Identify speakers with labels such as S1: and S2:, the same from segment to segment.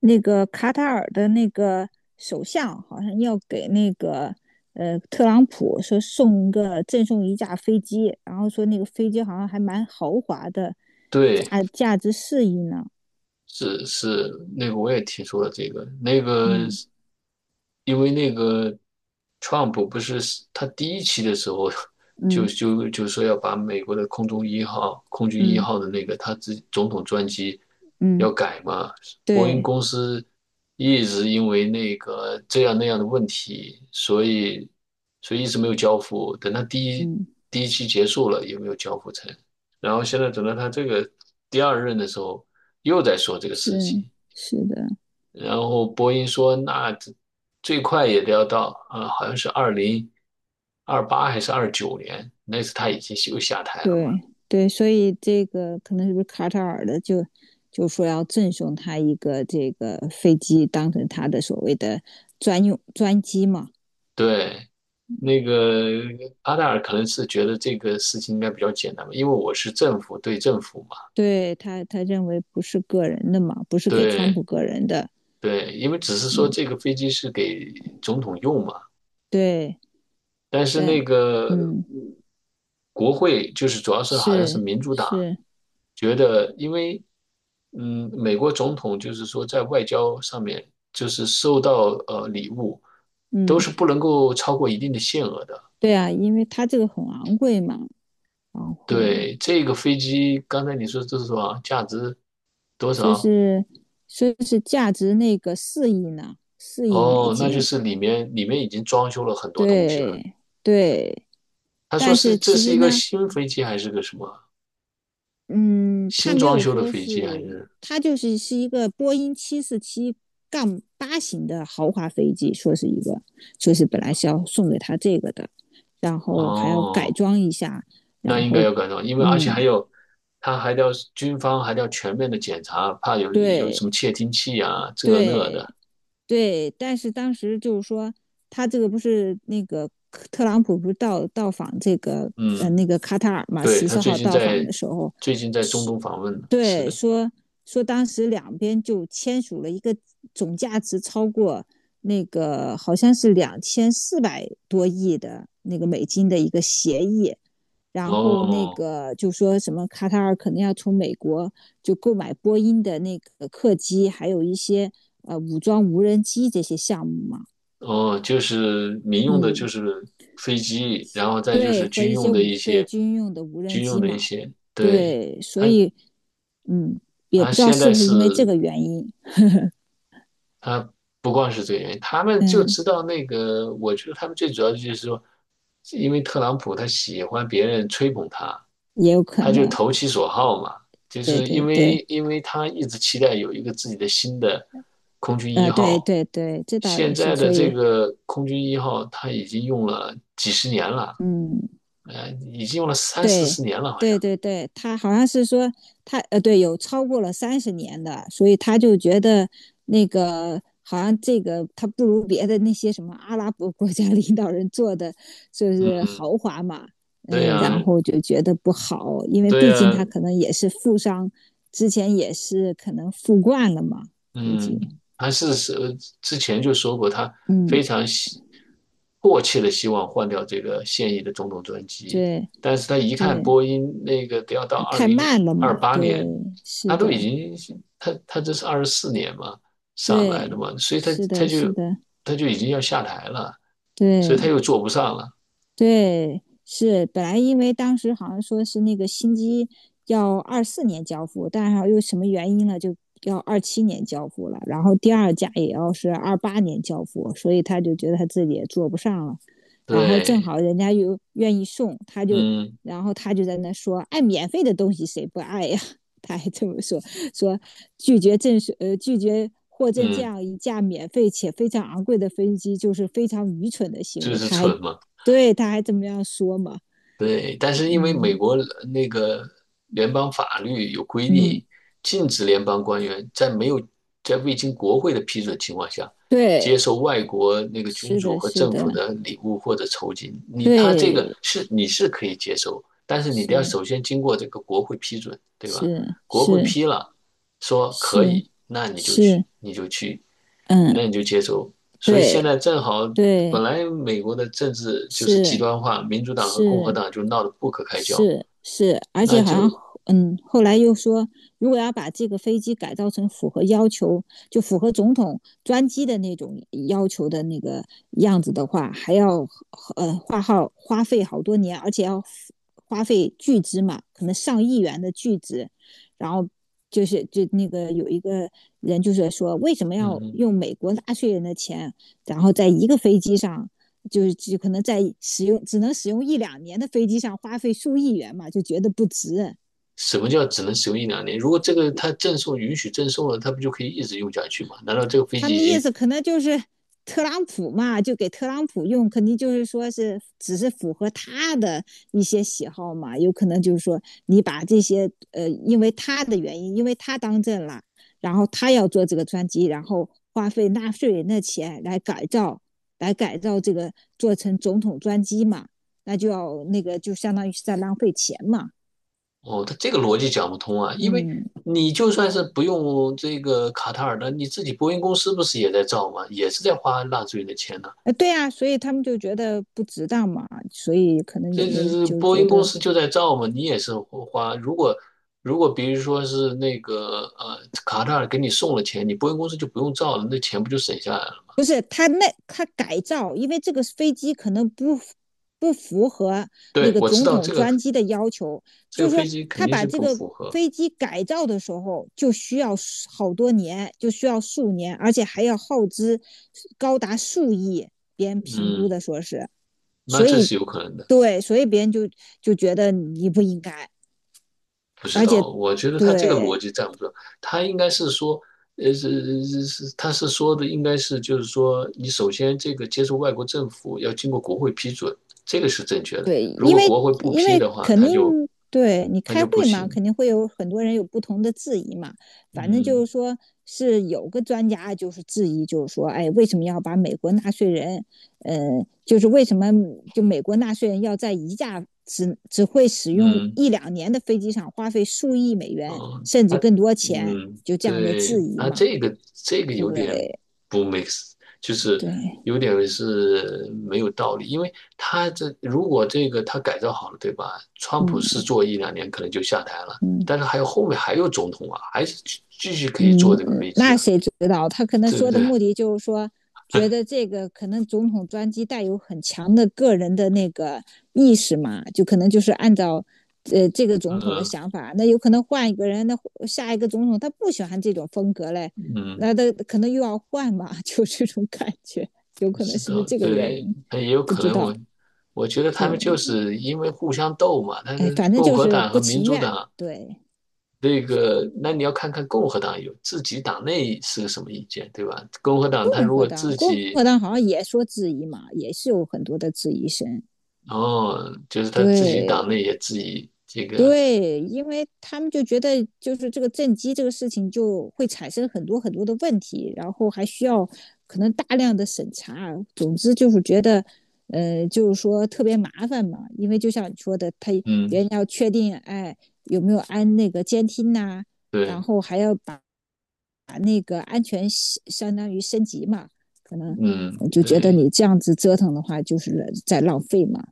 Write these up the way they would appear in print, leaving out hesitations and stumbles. S1: 那个卡塔尔的那个首相好像要给那个特朗普说赠送一架飞机，然后说那个飞机好像还蛮豪华的，
S2: 对，
S1: 价值四亿呢。
S2: 是是，那个我也听说了这个，那个
S1: 嗯
S2: 因为那个 Trump 不是他第一期的时候就
S1: 嗯
S2: 就就说要把美国的空中一号、空军一
S1: 嗯
S2: 号的那个他自己总统专机要
S1: 嗯，
S2: 改嘛，波音
S1: 对，
S2: 公司一直因为那个这样那样的问题，所以一直没有交付，等他第一
S1: 嗯，
S2: 第一期结束了也没有交付成，然后现在等到他这个第二任的时候，又在说这个事
S1: 是
S2: 情。
S1: 是的，
S2: 然后波音说，那这最快也得要到，好像是二零二八还是二九年，那次他已经又下台了嘛。
S1: 对对，所以这个可能是不是卡塔尔的就说要赠送他一个这个飞机，当成他的所谓的专机嘛。
S2: 对，那个阿达尔可能是觉得这个事情应该比较简单吧，因为我是政府对政府嘛。
S1: 对他认为不是个人的嘛，不是给川
S2: 对
S1: 普个人的。
S2: 对，因为只是说这个飞机是给总统用嘛，
S1: 对，
S2: 但是
S1: 但
S2: 那个
S1: 嗯，
S2: 嗯国会就是主要是好像是
S1: 是
S2: 民主党
S1: 是，
S2: 觉得，因为美国总统就是说在外交上面就是收到礼物都
S1: 嗯，
S2: 是不能够超过一定的限额的。
S1: 对啊，因为他这个很昂贵嘛，然后
S2: 对，这个飞机刚才你说这是多少？价值多
S1: 就
S2: 少？
S1: 是说是价值那个四亿呢，四亿美
S2: 哦，那就
S1: 金。
S2: 是里面已经装修了很多东西了。
S1: 对对，
S2: 他说
S1: 但
S2: 是
S1: 是
S2: 这
S1: 其
S2: 是
S1: 实
S2: 一个
S1: 呢，
S2: 新飞机还是个什么
S1: 嗯，
S2: 新
S1: 他没
S2: 装
S1: 有
S2: 修的
S1: 说
S2: 飞机还
S1: 是，
S2: 是？
S1: 他就是一个波音747杠八型的豪华飞机，说是本来是要送给他这个的，然后还要改
S2: 哦，
S1: 装一下，
S2: 那
S1: 然
S2: 应该
S1: 后，
S2: 要赶上，因为而且还
S1: 嗯，
S2: 有，他还要军方还要全面的检查，怕有什么
S1: 对
S2: 窃听器啊，这那
S1: 对
S2: 的。
S1: 对，但是当时就是说，他这个不是那个特朗普不是到访这个
S2: 嗯，
S1: 那个卡塔尔嘛，
S2: 对，
S1: 十
S2: 他
S1: 四
S2: 最
S1: 号
S2: 近
S1: 到访
S2: 在
S1: 的时候，
S2: 最近在中东访问呢，是
S1: 对，
S2: 的。
S1: 说当时两边就签署了一个总价值超过那个好像是2400多亿的那个美金的一个协议，然后那
S2: 哦
S1: 个就说什么卡塔尔可能要从美国就购买波音的那个客机，还有一些武装无人机这些项目嘛，
S2: 哦，就是民用的，就
S1: 嗯，
S2: 是飞机，然后再就
S1: 对，
S2: 是
S1: 和
S2: 军
S1: 一些
S2: 用的一
S1: 对
S2: 些
S1: 军用的无人
S2: 军用
S1: 机
S2: 的一
S1: 嘛，
S2: 些，对，
S1: 对，所
S2: 他
S1: 以嗯，也
S2: 他
S1: 不知道
S2: 现
S1: 是
S2: 在
S1: 不是因为这
S2: 是
S1: 个原因，
S2: 他不光是这个原因，他们就
S1: 嗯。
S2: 知道那个，我觉得他们最主要的就是说，因为特朗普他喜欢别人吹捧他，
S1: 也有可
S2: 他就
S1: 能，
S2: 投其所好嘛，就
S1: 对
S2: 是因
S1: 对对，
S2: 为因为他一直期待有一个自己的新的空军一
S1: 对
S2: 号，
S1: 对对，这倒
S2: 现
S1: 也是，
S2: 在的
S1: 所
S2: 这
S1: 以，
S2: 个空军一号他已经用了几十年了，
S1: 嗯，
S2: 已经用了三四
S1: 对
S2: 十年了，好
S1: 对
S2: 像。
S1: 对对，他好像是说他对，有超过了30年的，所以他就觉得那个好像这个他不如别的那些什么阿拉伯国家领导人做的就是
S2: 嗯，
S1: 豪华嘛，
S2: 对
S1: 嗯，
S2: 呀，
S1: 然后就觉得不好，因为
S2: 对
S1: 毕竟
S2: 呀，
S1: 他可能也是富商，之前也是可能富惯了嘛，估计，
S2: 嗯，他之前就说过，他
S1: 嗯，
S2: 非常希迫切的希望换掉这个现役的总统专机，
S1: 对
S2: 但是他一看
S1: 对。
S2: 波音那个得要到二
S1: 太
S2: 零
S1: 慢了
S2: 二
S1: 嘛。
S2: 八
S1: 对，
S2: 年，他
S1: 是
S2: 都已
S1: 的，
S2: 经他他这是二十四年嘛上来的
S1: 对，
S2: 嘛，所以他
S1: 是
S2: 他
S1: 的，
S2: 就
S1: 是的，
S2: 他就已经要下台了，所以他
S1: 对。
S2: 又做不上了。
S1: 对，是本来因为当时好像说是那个新机要24年交付，但是又什么原因呢，就要27年交付了，然后第二架也要是28年交付，所以他就觉得他自己也坐不上了，然后正
S2: 对，
S1: 好人家又愿意送，他就，
S2: 嗯
S1: 然后他就在那说，爱免费的东西谁不爱呀？他还这么说，说拒绝获赠这
S2: 嗯，
S1: 样一架免费且非常昂贵的飞机，就是非常愚蠢的行
S2: 就
S1: 为。
S2: 是蠢嘛。
S1: 对，他还这么样说嘛？
S2: 对，但是因为美
S1: 嗯
S2: 国那个联邦法律有规
S1: 嗯，
S2: 定，禁止联邦官员在没有在未经国会的批准情况下，
S1: 对，
S2: 接受外国那个君
S1: 是
S2: 主
S1: 的，
S2: 和
S1: 是
S2: 政府
S1: 的，
S2: 的礼物或者酬金。你他这个
S1: 对，
S2: 是你是可以接受，但是你得要
S1: 是
S2: 首先经过这个国会批准，对吧？
S1: 是
S2: 国会
S1: 是
S2: 批了，说可
S1: 是
S2: 以，那你就去，
S1: 是，
S2: 你就去，
S1: 嗯，
S2: 那你就接受。所以现
S1: 对
S2: 在正好，本
S1: 对，
S2: 来美国的政治就是极
S1: 是
S2: 端化，民主党和共和
S1: 是
S2: 党就闹得不可开交，
S1: 是是，而
S2: 那
S1: 且好像
S2: 就
S1: 嗯，后来又说，如果要把这个飞机改造成符合要求，就符合总统专机的那种要求的那个样子的话，还要花费好多年，而且要花费巨资嘛，可能上亿元的巨资，然后。就是就那个有一个人就是说，为什么要
S2: 嗯，
S1: 用美国纳税人的钱，然后在一个飞机上就是就可能在只能使用一两年的飞机上花费数亿元嘛，就觉得不值。
S2: 什么叫只能使用一两年？如果这个它赠送允许赠送了，它不就可以一直用下去吗？难道这个飞
S1: 他
S2: 机
S1: 们意
S2: 机
S1: 思可能就是特朗普嘛，就给特朗普用，肯定就是说是只是符合他的一些喜好嘛，有可能就是说你把这些因为他的原因，因为他当政了，然后他要做这个专机，然后花费纳税人的钱来改造，这个做成总统专机嘛，那就要那个就相当于是在浪费钱嘛，
S2: 哦，它这个逻辑讲不通啊？因为
S1: 嗯。
S2: 你就算是不用这个卡塔尔的，你自己波音公司不是也在造吗？也是在花纳税人的钱
S1: 对啊，所以他们就觉得不值当嘛，所以可能
S2: 这
S1: 人
S2: 这
S1: 家
S2: 这
S1: 就
S2: 波
S1: 觉
S2: 音公
S1: 得
S2: 司就在造嘛，你也是花。如果比如说是那个卡塔尔给你送了钱，你波音公司就不用造了，那钱不就省下来了？
S1: 不是他那他改造，因为这个飞机可能不符合那
S2: 对，
S1: 个
S2: 我知
S1: 总
S2: 道
S1: 统
S2: 这个。
S1: 专机的要求，
S2: 这
S1: 就
S2: 个
S1: 是
S2: 飞
S1: 说
S2: 机肯
S1: 他
S2: 定
S1: 把
S2: 是
S1: 这
S2: 不
S1: 个
S2: 符合，
S1: 飞机改造的时候就需要好多年，就需要数年，而且还要耗资高达数亿，别人评估
S2: 嗯，
S1: 的说是，
S2: 那
S1: 所
S2: 这
S1: 以
S2: 是有可能的。
S1: 对，所以别人就觉得你不应该，
S2: 不知
S1: 而且
S2: 道，我觉得他这个逻
S1: 对。
S2: 辑站不住，他应该是说，是是是，他是说的应该是就是说，你首先这个接受外国政府要经过国会批准，这个是正确的。
S1: 对，
S2: 如果国会不
S1: 因
S2: 批
S1: 为
S2: 的话，
S1: 肯
S2: 他
S1: 定
S2: 就
S1: 对你开
S2: 不
S1: 会嘛，
S2: 行。
S1: 肯定会有很多人有不同的质疑嘛。反正就
S2: 嗯
S1: 是说是有个专家就是质疑，就是说，哎，为什么要把美国纳税人，呃，就是为什么就美国纳税人要在一架只会使用
S2: 嗯，
S1: 一两年的飞机上花费数亿美元
S2: 哦，
S1: 甚至更多钱，
S2: 嗯，
S1: 就这样的质
S2: 对，
S1: 疑
S2: 他
S1: 嘛？
S2: 这个有点
S1: 对
S2: 不 mix，就是
S1: 对，
S2: 有点是没有道理，因为如果这个他改造好了，对吧？川普
S1: 嗯
S2: 是做一两年可能就下台了，
S1: 嗯。
S2: 但是还有后面还有总统啊，还是继续可以
S1: 嗯，
S2: 坐这个
S1: 嗯
S2: 飞机
S1: 那
S2: 啊，
S1: 谁知道？他可能
S2: 对不
S1: 说的
S2: 对？
S1: 目的就是说，觉得这个可能总统专机带有很强的个人的那个意识嘛，就可能就是按照这个总统的
S2: 嗯
S1: 想法，那有可能换一个人，那下一个总统他不喜欢这种风格嘞，
S2: 嗯，
S1: 那他可能又要换嘛，就这种感觉，有
S2: 不
S1: 可能
S2: 知
S1: 是不是
S2: 道，
S1: 这个原
S2: 对，
S1: 因？
S2: 那也有
S1: 不
S2: 可
S1: 知
S2: 能。
S1: 道。
S2: 我觉得他们
S1: 对，
S2: 就是因为互相斗嘛，他
S1: 哎，
S2: 是
S1: 反正
S2: 共
S1: 就
S2: 和
S1: 是
S2: 党
S1: 不
S2: 和民
S1: 情
S2: 主
S1: 愿。
S2: 党。
S1: 对，
S2: 这个，那你要看看共和党有自己党内是个什么意见，对吧？共和党他如果自
S1: 共
S2: 己，
S1: 和党好像也说质疑嘛，也是有很多的质疑声。
S2: 哦，就是他自己
S1: 对
S2: 党内也自己这个，
S1: 对，因为他们就觉得就是这个正畸这个事情就会产生很多很多的问题，然后还需要可能大量的审查。总之就是觉得，就是说特别麻烦嘛，因为就像你说的，他
S2: 嗯，
S1: 别人要确定哎有没有安那个监听呐、然
S2: 对，
S1: 后还要把那个安全系相当于升级嘛，
S2: 嗯，
S1: 我就觉得
S2: 对，
S1: 你这样子折腾的话就是在浪费嘛，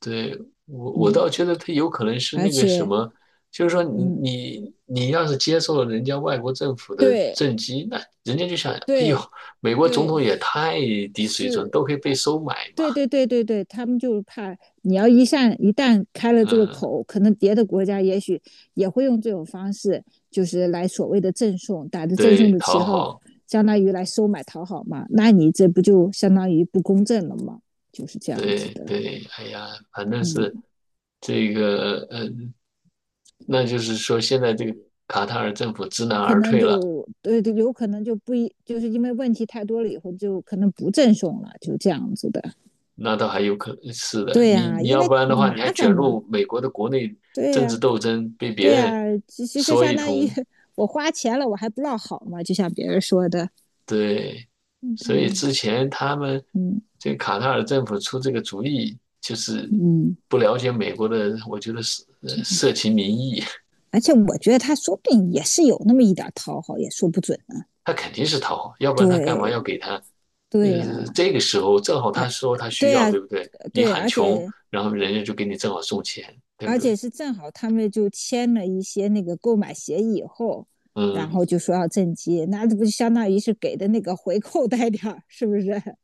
S2: 对，我
S1: 嗯，
S2: 倒觉得他有可能是
S1: 而
S2: 那个什
S1: 且
S2: 么，就是说你
S1: 嗯
S2: 你你要是接受了人家外国政府的
S1: 对。
S2: 政绩，那人家就想，哎呦，
S1: 对
S2: 美国总统
S1: 对，
S2: 也太低水准，
S1: 是
S2: 都可以被
S1: 啊，
S2: 收买嘛，
S1: 对对对对对，他们就是怕你要一旦开了这个
S2: 嗯，
S1: 口，可能别的国家也许也会用这种方式，就是来所谓的赠送，打着赠
S2: 对，
S1: 送的旗
S2: 讨
S1: 号，
S2: 好。
S1: 相当于来收买讨好嘛，那你这不就相当于不公正了吗？就是这样子
S2: 对
S1: 的，
S2: 对，哎呀，反正是
S1: 嗯，
S2: 这个，那就是说现在这个卡塔尔政府知难
S1: 可
S2: 而
S1: 能
S2: 退了，
S1: 就对，有可能就不一，就是因为问题太多了以后，就可能不赠送了，就这样子的。
S2: 那倒还有可能是的。
S1: 对
S2: 你
S1: 呀、
S2: 你
S1: 因
S2: 要
S1: 为
S2: 不然的话，
S1: 麻
S2: 你还卷
S1: 烦嘛。
S2: 入美国的国内
S1: 对
S2: 政治
S1: 呀、
S2: 斗争，被别
S1: 对
S2: 人
S1: 呀、其实
S2: 说
S1: 相
S2: 一
S1: 当于
S2: 通，
S1: 我花钱了，我还不落好嘛，就像别人说的，
S2: 对。
S1: 嗯，对，
S2: 所以之前他们
S1: 嗯
S2: 这个卡塔尔政府出这个主意，就是
S1: 嗯，
S2: 不了解美国的，我觉得是社情民意，
S1: 而且我觉得他说不定也是有那么一点讨好，也说不准呢。
S2: 他肯定是讨好，要不然他干嘛
S1: 对
S2: 要给他？
S1: 对呀、
S2: 这个时候正好他说他需
S1: 对呀、
S2: 要，对不对？你
S1: 对，
S2: 喊
S1: 而
S2: 穷，
S1: 且
S2: 然后人家就给你正好送钱，对不对？
S1: 是正好他们就签了一些那个购买协议以后，然
S2: 嗯，
S1: 后就说要赈济，那这不就相当于是给的那个回扣带点儿，是不是？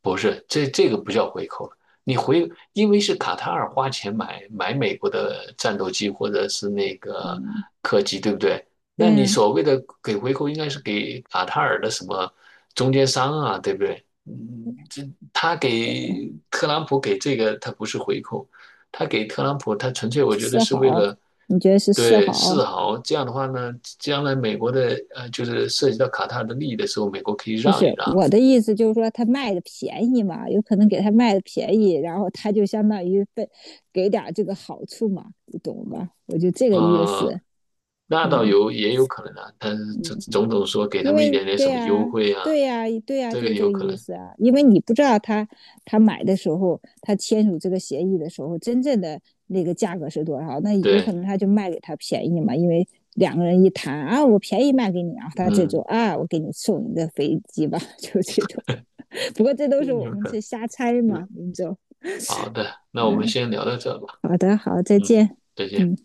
S2: 不是，这个不叫回扣了。因为是卡塔尔花钱买美国的战斗机或者是那个
S1: 嗯，
S2: 客机，对不对？那
S1: 对
S2: 你
S1: 呀、
S2: 所谓的给回扣，应该是给卡塔尔的什么中间商啊，对不对？嗯，这他给特朗普给这个，他不是回扣，他给特朗普，他纯粹我觉得
S1: 四
S2: 是为
S1: 好，
S2: 了
S1: 你觉得是四
S2: 对示
S1: 好？
S2: 好。这样的话呢，将来美国的就是涉及到卡塔尔的利益的时候，美国可以
S1: 不
S2: 让一
S1: 是
S2: 让。
S1: 我的意思，就是说他卖的便宜嘛，有可能给他卖的便宜，然后他就相当于被给点这个好处嘛，你懂吧？我就这个意
S2: 呃，
S1: 思，
S2: 那倒
S1: 嗯
S2: 也有可能啊，但是这
S1: 嗯，
S2: 种种说给他
S1: 因
S2: 们一
S1: 为
S2: 点点
S1: 对
S2: 什么优
S1: 呀、
S2: 惠啊，
S1: 对呀、啊对呀、啊
S2: 这
S1: 就
S2: 个
S1: 是这
S2: 有
S1: 个
S2: 可
S1: 意
S2: 能。
S1: 思啊，因为你不知道他买的时候，他签署这个协议的时候，真正的那个价格是多少，那有可
S2: 对，
S1: 能他就卖给他便宜嘛，因为。两个人一谈啊，我便宜卖给你啊，他这种
S2: 嗯，
S1: 啊，我给你送你个飞机吧，就这种的。不过这都是我
S2: 有
S1: 们
S2: 可能。
S1: 去瞎猜嘛，
S2: 嗯，
S1: 我们就
S2: 好的，那我们
S1: 嗯，
S2: 先聊到这吧。
S1: 好的，好，再
S2: 嗯，
S1: 见，
S2: 再见。
S1: 嗯。